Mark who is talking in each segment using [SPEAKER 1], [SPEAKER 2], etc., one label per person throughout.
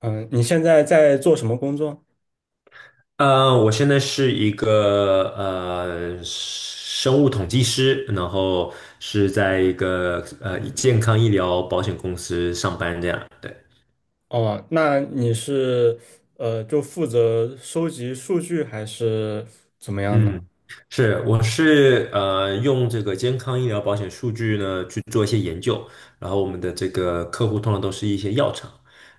[SPEAKER 1] 嗯，你现在在做什么工作？
[SPEAKER 2] 我现在是一个生物统计师，然后是在一个健康医疗保险公司上班这样。对。
[SPEAKER 1] 哦，那你是就负责收集数据还是怎么样呢？
[SPEAKER 2] 嗯，是，我是用这个健康医疗保险数据呢去做一些研究，然后我们的这个客户通常都是一些药厂，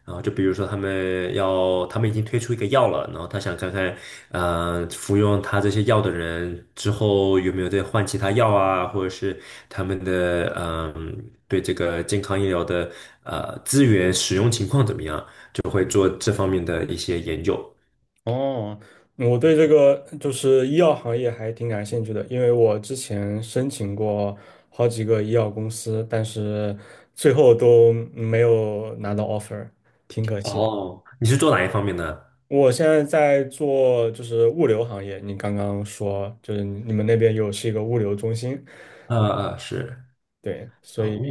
[SPEAKER 2] 然后就比如说他们已经推出一个药了，然后他想看看服用他这些药的人之后有没有再换其他药啊，或者是他们的对这个健康医疗的资源使用情况怎么样就的一些研究。
[SPEAKER 1] 哦，我对这个就是医药行业还挺感兴趣的，因为我之前申请过好几个医药公司，但是最后都没有拿到 offer，挺可惜的。
[SPEAKER 2] 哦，你是做哪一方面呢？
[SPEAKER 1] 我现在在做就是物流行业，你刚刚说就是你们那边有是一个物流中心，
[SPEAKER 2] 呃是。
[SPEAKER 1] 对。所
[SPEAKER 2] 啊，
[SPEAKER 1] 以。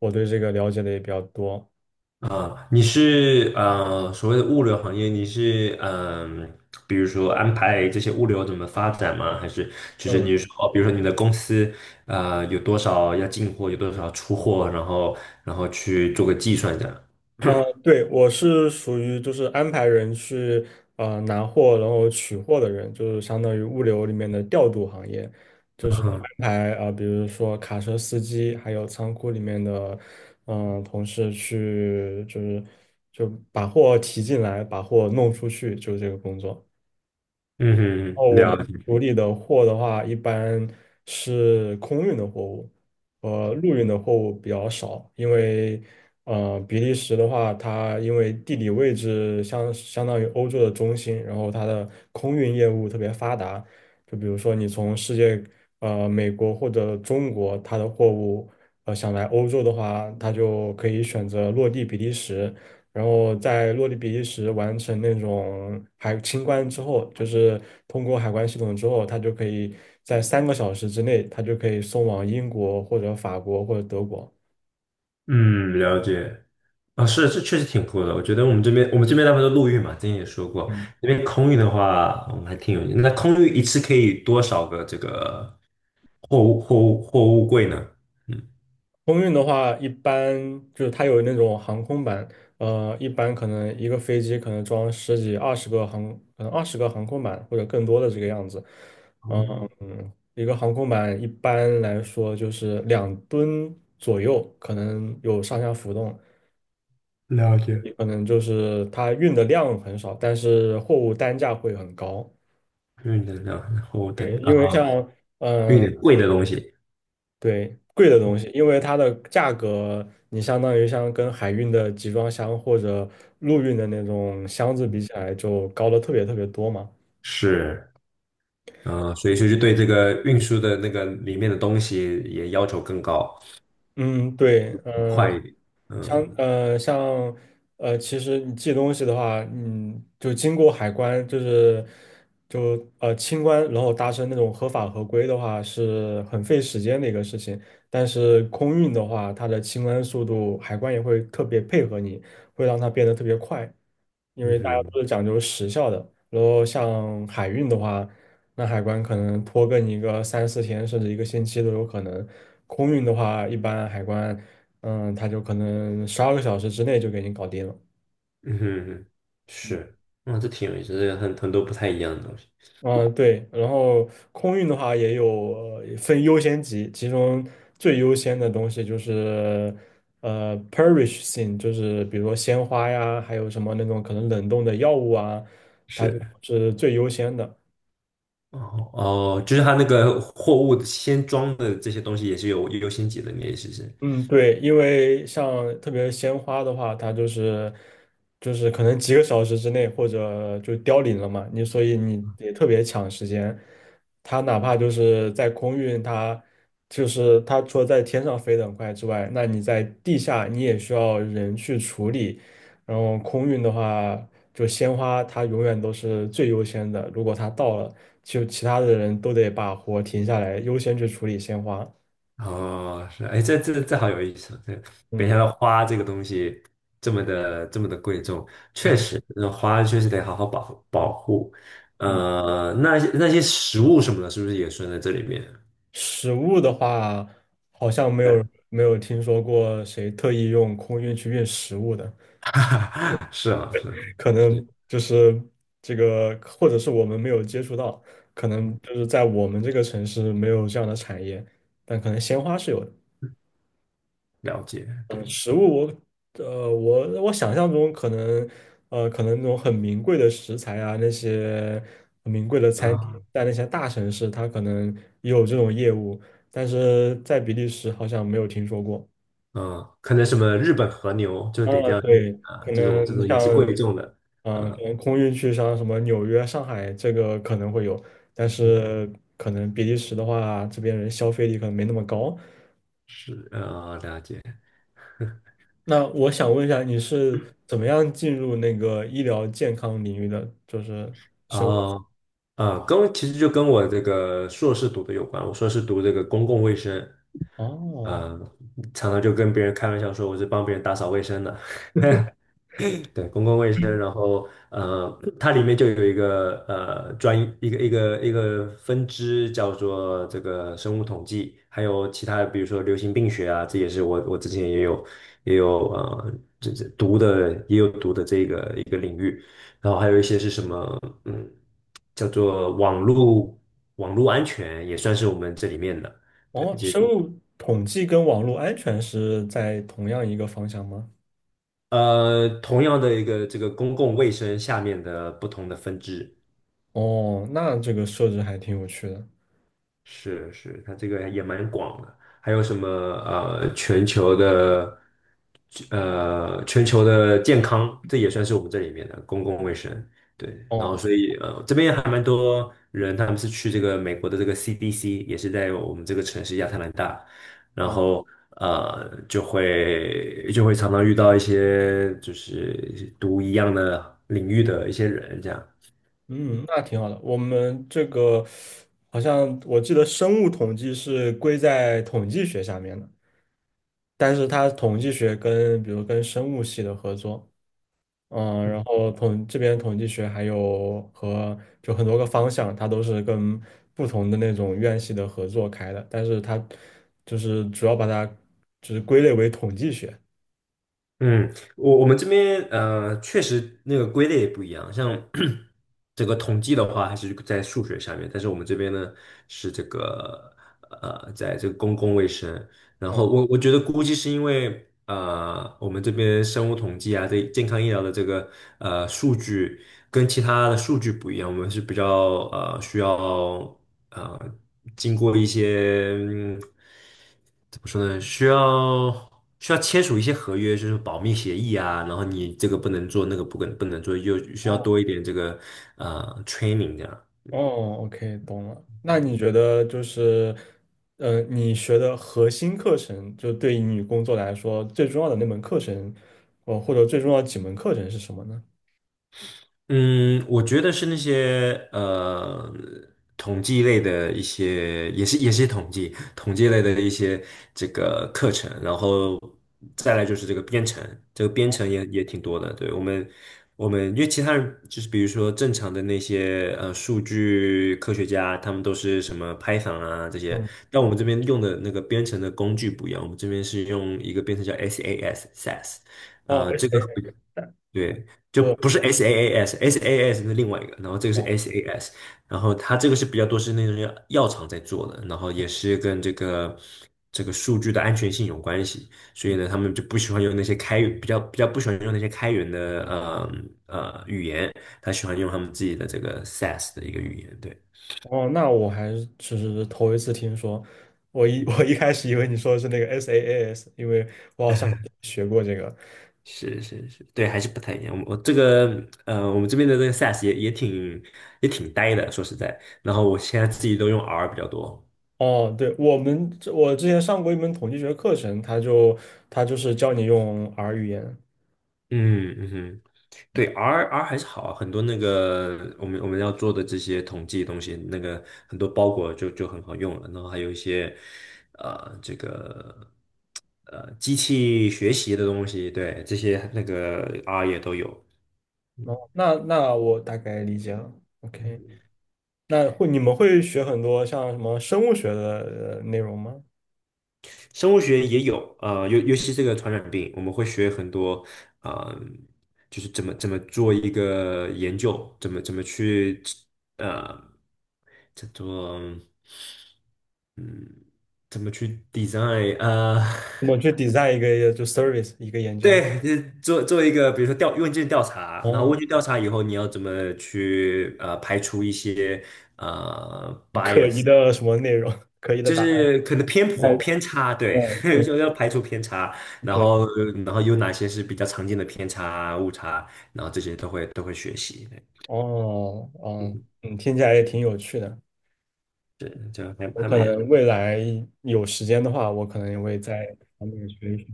[SPEAKER 1] 我对这个了解的也比较多。
[SPEAKER 2] 啊，你是所谓的物流行业，你是比如说安排这些物流怎么发展吗？还是就是
[SPEAKER 1] 嗯
[SPEAKER 2] 你说，比如说你的公司啊，有多少要进货，有多少出货，然后去做个计算这样。
[SPEAKER 1] 对，我是属于就是安排人去拿货，然后取货的人，就是相当于物流里面的调度行业，就是
[SPEAKER 2] 嗯
[SPEAKER 1] 安排啊、比如说卡车司机，还有仓库里面的同事去，就是就把货提进来，把货弄出去，就是这个工作。
[SPEAKER 2] 嗯哼，
[SPEAKER 1] 哦，我们
[SPEAKER 2] 了解。
[SPEAKER 1] 处理的货的话，一般是空运的货物，陆运的货物比较少，因为比利时的话，它因为地理位置相当于欧洲的中心，然后它的空运业务特别发达。就比如说你从世界美国或者中国，它的货物想来欧洲的话，它就可以选择落地比利时，然后在落地比利时完成那种海清关之后，就是通过海关系统之后，它就可以在3个小时之内，它就可以送往英国或者法国或者德国。
[SPEAKER 2] 嗯了解。啊、是，这确实挺酷的。我觉得我们这边大部分都陆运嘛，之前也说过。
[SPEAKER 1] 嗯
[SPEAKER 2] 那边空运的话，我们还挺有。那空运一次可以多少个这个货物柜呢？嗯。
[SPEAKER 1] 空运的话，一般就是它有那种航空版，一般可能一个飞机可能装十几、二十个航，可能20个航空板或者更多的这个样子。
[SPEAKER 2] 哦，
[SPEAKER 1] 一个航空板一般来说就是2吨左右，可能有上下浮动。
[SPEAKER 2] 了解，
[SPEAKER 1] 也可能就是它运的量很少，但是货物单价会很高。
[SPEAKER 2] 运能量然后等
[SPEAKER 1] 对，
[SPEAKER 2] 啊，
[SPEAKER 1] 因为像
[SPEAKER 2] 运
[SPEAKER 1] 嗯、呃
[SPEAKER 2] 点贵的东西，
[SPEAKER 1] 对，贵的东西，因为它的价格，你相当于像跟海运的集装箱或者陆运的那种箱子比起来，就高了特别特别多嘛。
[SPEAKER 2] 是，所以说就对这个运输的那个里面的东西也要求更高，
[SPEAKER 1] 嗯，对，
[SPEAKER 2] 快一点，
[SPEAKER 1] 像
[SPEAKER 2] 呃
[SPEAKER 1] 呃像呃，其实你寄东西的话，嗯，就经过海关，就是清关，然后达成那种合法合规的话，是很费时间的一个事情。但是空运的话，它的清关速度，海关也会特别配合你，会让它变得特别快。因
[SPEAKER 2] 嗯
[SPEAKER 1] 为
[SPEAKER 2] 嗯
[SPEAKER 1] 大家
[SPEAKER 2] 哼，
[SPEAKER 1] 都是讲究时效的。然后像海运的话，那海关可能拖更一个三四天，甚至一个星期都有可能。空运的话，一般海关，他就可能12个小时之内就给你搞定了。
[SPEAKER 2] 嗯哼，是，嗯，这挺有意思，这个很多不太一样的东西，
[SPEAKER 1] 嗯，对。然后空运的话也有分优先级，其中最优先的东西就是perish thing，就是比如说鲜花呀，还有什么那种可能冷冻的药物啊，它
[SPEAKER 2] 是，
[SPEAKER 1] 是最优先的。
[SPEAKER 2] 哦哦，就是它那个货物先装的这些东西也是有优先级的，你的意思是？
[SPEAKER 1] 嗯，对，因为像特别鲜花的话，它就是可能几个小时之内或者就凋零了嘛，你所以你也特别抢时间。它哪怕就是在空运，它就是它除了在天上飞得很快之外，那你在地下你也需要人去处理。然后空运的话，就鲜花它永远都是最优先的，如果它到了，就其他的人都得把活停下来，优先去处理鲜花。
[SPEAKER 2] 哦，是啊，哎，这好有意思啊，这没想
[SPEAKER 1] 嗯
[SPEAKER 2] 到花这个东西这么的贵重，确实，那花确实得好好保护保护。
[SPEAKER 1] 嗯。
[SPEAKER 2] 那些食物什么的，是不是也算在这里面？
[SPEAKER 1] 食物的话，好像没
[SPEAKER 2] 对，
[SPEAKER 1] 有没有听说过谁特意用空运去运食物的，
[SPEAKER 2] 是啊，是啊，
[SPEAKER 1] 可
[SPEAKER 2] 是，
[SPEAKER 1] 能就是这个，或者是我们没有接触到，可能就是在我们这个城市没有这样的产业，但可能鲜花是有的。
[SPEAKER 2] 了解，对
[SPEAKER 1] 嗯，食物我想象中可能那种很名贵的食材啊，那些很名贵的餐厅，
[SPEAKER 2] 啊，
[SPEAKER 1] 在那些大城市它可能也有这种业务，但是在比利时好像没有听说过。
[SPEAKER 2] 嗯，可能什么日本和牛就得这
[SPEAKER 1] 啊，
[SPEAKER 2] 样去
[SPEAKER 1] 对，
[SPEAKER 2] 啊，
[SPEAKER 1] 可
[SPEAKER 2] 这种这
[SPEAKER 1] 能
[SPEAKER 2] 种也是
[SPEAKER 1] 像，
[SPEAKER 2] 贵重的，
[SPEAKER 1] 嗯、可
[SPEAKER 2] 嗯、
[SPEAKER 1] 能空运去像什么纽约、上海这个可能会有，但
[SPEAKER 2] 嗯，
[SPEAKER 1] 是可能比利时的话，这边人消费力可能没那么高。
[SPEAKER 2] 是了解。
[SPEAKER 1] 那我想问一下，你是怎么样进入那个医疗健康领域的？就是生物，
[SPEAKER 2] 哦，啊，其实就跟我这个硕士读的有关。我硕士读这个公共卫生，
[SPEAKER 1] 哦，
[SPEAKER 2] 嗯，常常就跟别人开玩笑说我是帮别人打扫卫生的。对，公共卫生，然后它里面就有一个一个分支叫做这个生物统计，还有其他比如说流行病学啊，这也是我之前也有呃这这读的读的这个一个领域，然后还有一些是什么嗯叫做网络安全也算是我们这里面的，对，
[SPEAKER 1] 哦，
[SPEAKER 2] 一些
[SPEAKER 1] 生物统计跟网络安全是在同样一个方向吗？
[SPEAKER 2] 同样的一个这个公共卫生下面的不同的分支。
[SPEAKER 1] 哦，那这个设置还挺有趣的。
[SPEAKER 2] 是是，它这个也蛮广的。还有什么全球的健康，这也算是我们这里面的公共卫生。对，然后
[SPEAKER 1] 哦
[SPEAKER 2] 所以这边还蛮多人，他们是去这个美国的这个 CDC，也是在我们这个城市亚特兰大，然
[SPEAKER 1] 哦。
[SPEAKER 2] 后就会常常遇到一些就是读一样的领域的一些人这样。
[SPEAKER 1] 嗯，那挺好的。我们这个好像我记得生物统计是归在统计学下面的，但是它统计学跟比如跟生物系的合作，嗯，然后统这边统计学还有和就很多个方向，它都是跟不同的那种院系的合作开的，但是它就是主要把它就是归类为统计学。
[SPEAKER 2] 嗯，我们这边确实那个归类也不一样，像 整个统计的话，还是在数学下面，但是我们这边呢是在这个公共卫生，然
[SPEAKER 1] 嗯
[SPEAKER 2] 后我觉得估计是因为我们这边生物统计啊，这健康医疗的这个数据跟其他的数据不一样，我们是比较需要呃经过一些。怎么说呢？需要签署一些合约，就是保密协议啊，然后你这个不能做，那个不能做，就需要多一点这个training 这样。
[SPEAKER 1] 哦，OK，懂了。那你觉得就是，你学的核心课程，就对于你工作来说最重要的那门课程，哦，或者最重要几门课程是什么呢？
[SPEAKER 2] 嗯，我觉得是那些统计类的一些，也是统计类的一些这个课程，然后再来就是这个编程，这个编程也挺多的。对，我们因为其他人就是比如说正常的那些数据科学家，他们都是什么 Python 啊这些，
[SPEAKER 1] 嗯，
[SPEAKER 2] 但我们这边用的那个编程的工具不一样，我们这边是用一个编程叫 SAS SAS，
[SPEAKER 1] 哦
[SPEAKER 2] 这
[SPEAKER 1] ，S
[SPEAKER 2] 个。
[SPEAKER 1] A，
[SPEAKER 2] 对，就
[SPEAKER 1] 我，
[SPEAKER 2] 不是 SaaS，SaaS 是另外一个，然后这个是
[SPEAKER 1] 哦，
[SPEAKER 2] SaaS，然后它这个是比较多是那种药厂在做的，然后也是跟这个数据的安全性有关系，所
[SPEAKER 1] 嗯哦
[SPEAKER 2] 以
[SPEAKER 1] S
[SPEAKER 2] 呢，他
[SPEAKER 1] A
[SPEAKER 2] 们就不喜欢用那些开源，比较不喜欢用那些开源的语言，他喜欢用他们自己的这个 SaaS 的一个语言，对。
[SPEAKER 1] 我哦哦那我还是只是头一次听说。我一
[SPEAKER 2] 嗯，
[SPEAKER 1] 我一开始以为你说的是那个 SaaS，因为我好像学过这个。
[SPEAKER 2] 是是是，对，还是不太一样。我我们这边的这个 SaaS 也挺呆的，说实在。然后我现在自己都用 R 比较多。
[SPEAKER 1] 哦，对，我们我之前上过一门统计学课程，它就它就是教你用 R 语言，
[SPEAKER 2] 嗯嗯哼，对，R 还是好啊，很多那个我们要做的这些统计的东西，那个很多包裹就很好用了，然后还有一些这个机器学习的东西，对，这些那个 R 也都有。
[SPEAKER 1] 哦，那那我大概理解了。OK，那会你们会学很多像什么生物学的内容吗？
[SPEAKER 2] 生物学也有，尤其这个传染病，我们会学很多，呃，就是怎么做一个研究，怎么去，呃，叫做，嗯，怎么去 design，
[SPEAKER 1] 怎么去 design 一个service 一个研究？
[SPEAKER 2] 对，就是做做一个，比如说调问卷调查，然后
[SPEAKER 1] 哦，
[SPEAKER 2] 问卷调查以后，你要怎么去排除一些
[SPEAKER 1] 可疑
[SPEAKER 2] bias，
[SPEAKER 1] 的什么内容？可疑的
[SPEAKER 2] 就
[SPEAKER 1] 答案？
[SPEAKER 2] 是可能偏
[SPEAKER 1] 哎，
[SPEAKER 2] 颇偏差，对，
[SPEAKER 1] 嗯
[SPEAKER 2] 就要排除偏差，
[SPEAKER 1] o
[SPEAKER 2] 然
[SPEAKER 1] k
[SPEAKER 2] 后有哪些是比较常见的偏差误差，然后这些都会学习，对，
[SPEAKER 1] 哦，嗯
[SPEAKER 2] 嗯，
[SPEAKER 1] 嗯，听起来也挺有趣的。
[SPEAKER 2] 对，就
[SPEAKER 1] 我
[SPEAKER 2] 还
[SPEAKER 1] 可
[SPEAKER 2] 蛮
[SPEAKER 1] 能未来有时间的话，我可能也会在这方面学一学。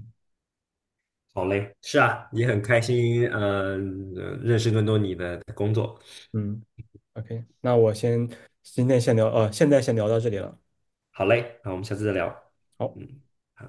[SPEAKER 2] 好嘞，是啊，也很开心，认识更多你的工作，
[SPEAKER 1] 嗯，OK，那我先今天先聊，现在先聊到这里了。
[SPEAKER 2] 好嘞，那我们下次再聊，
[SPEAKER 1] 好。
[SPEAKER 2] 嗯。好。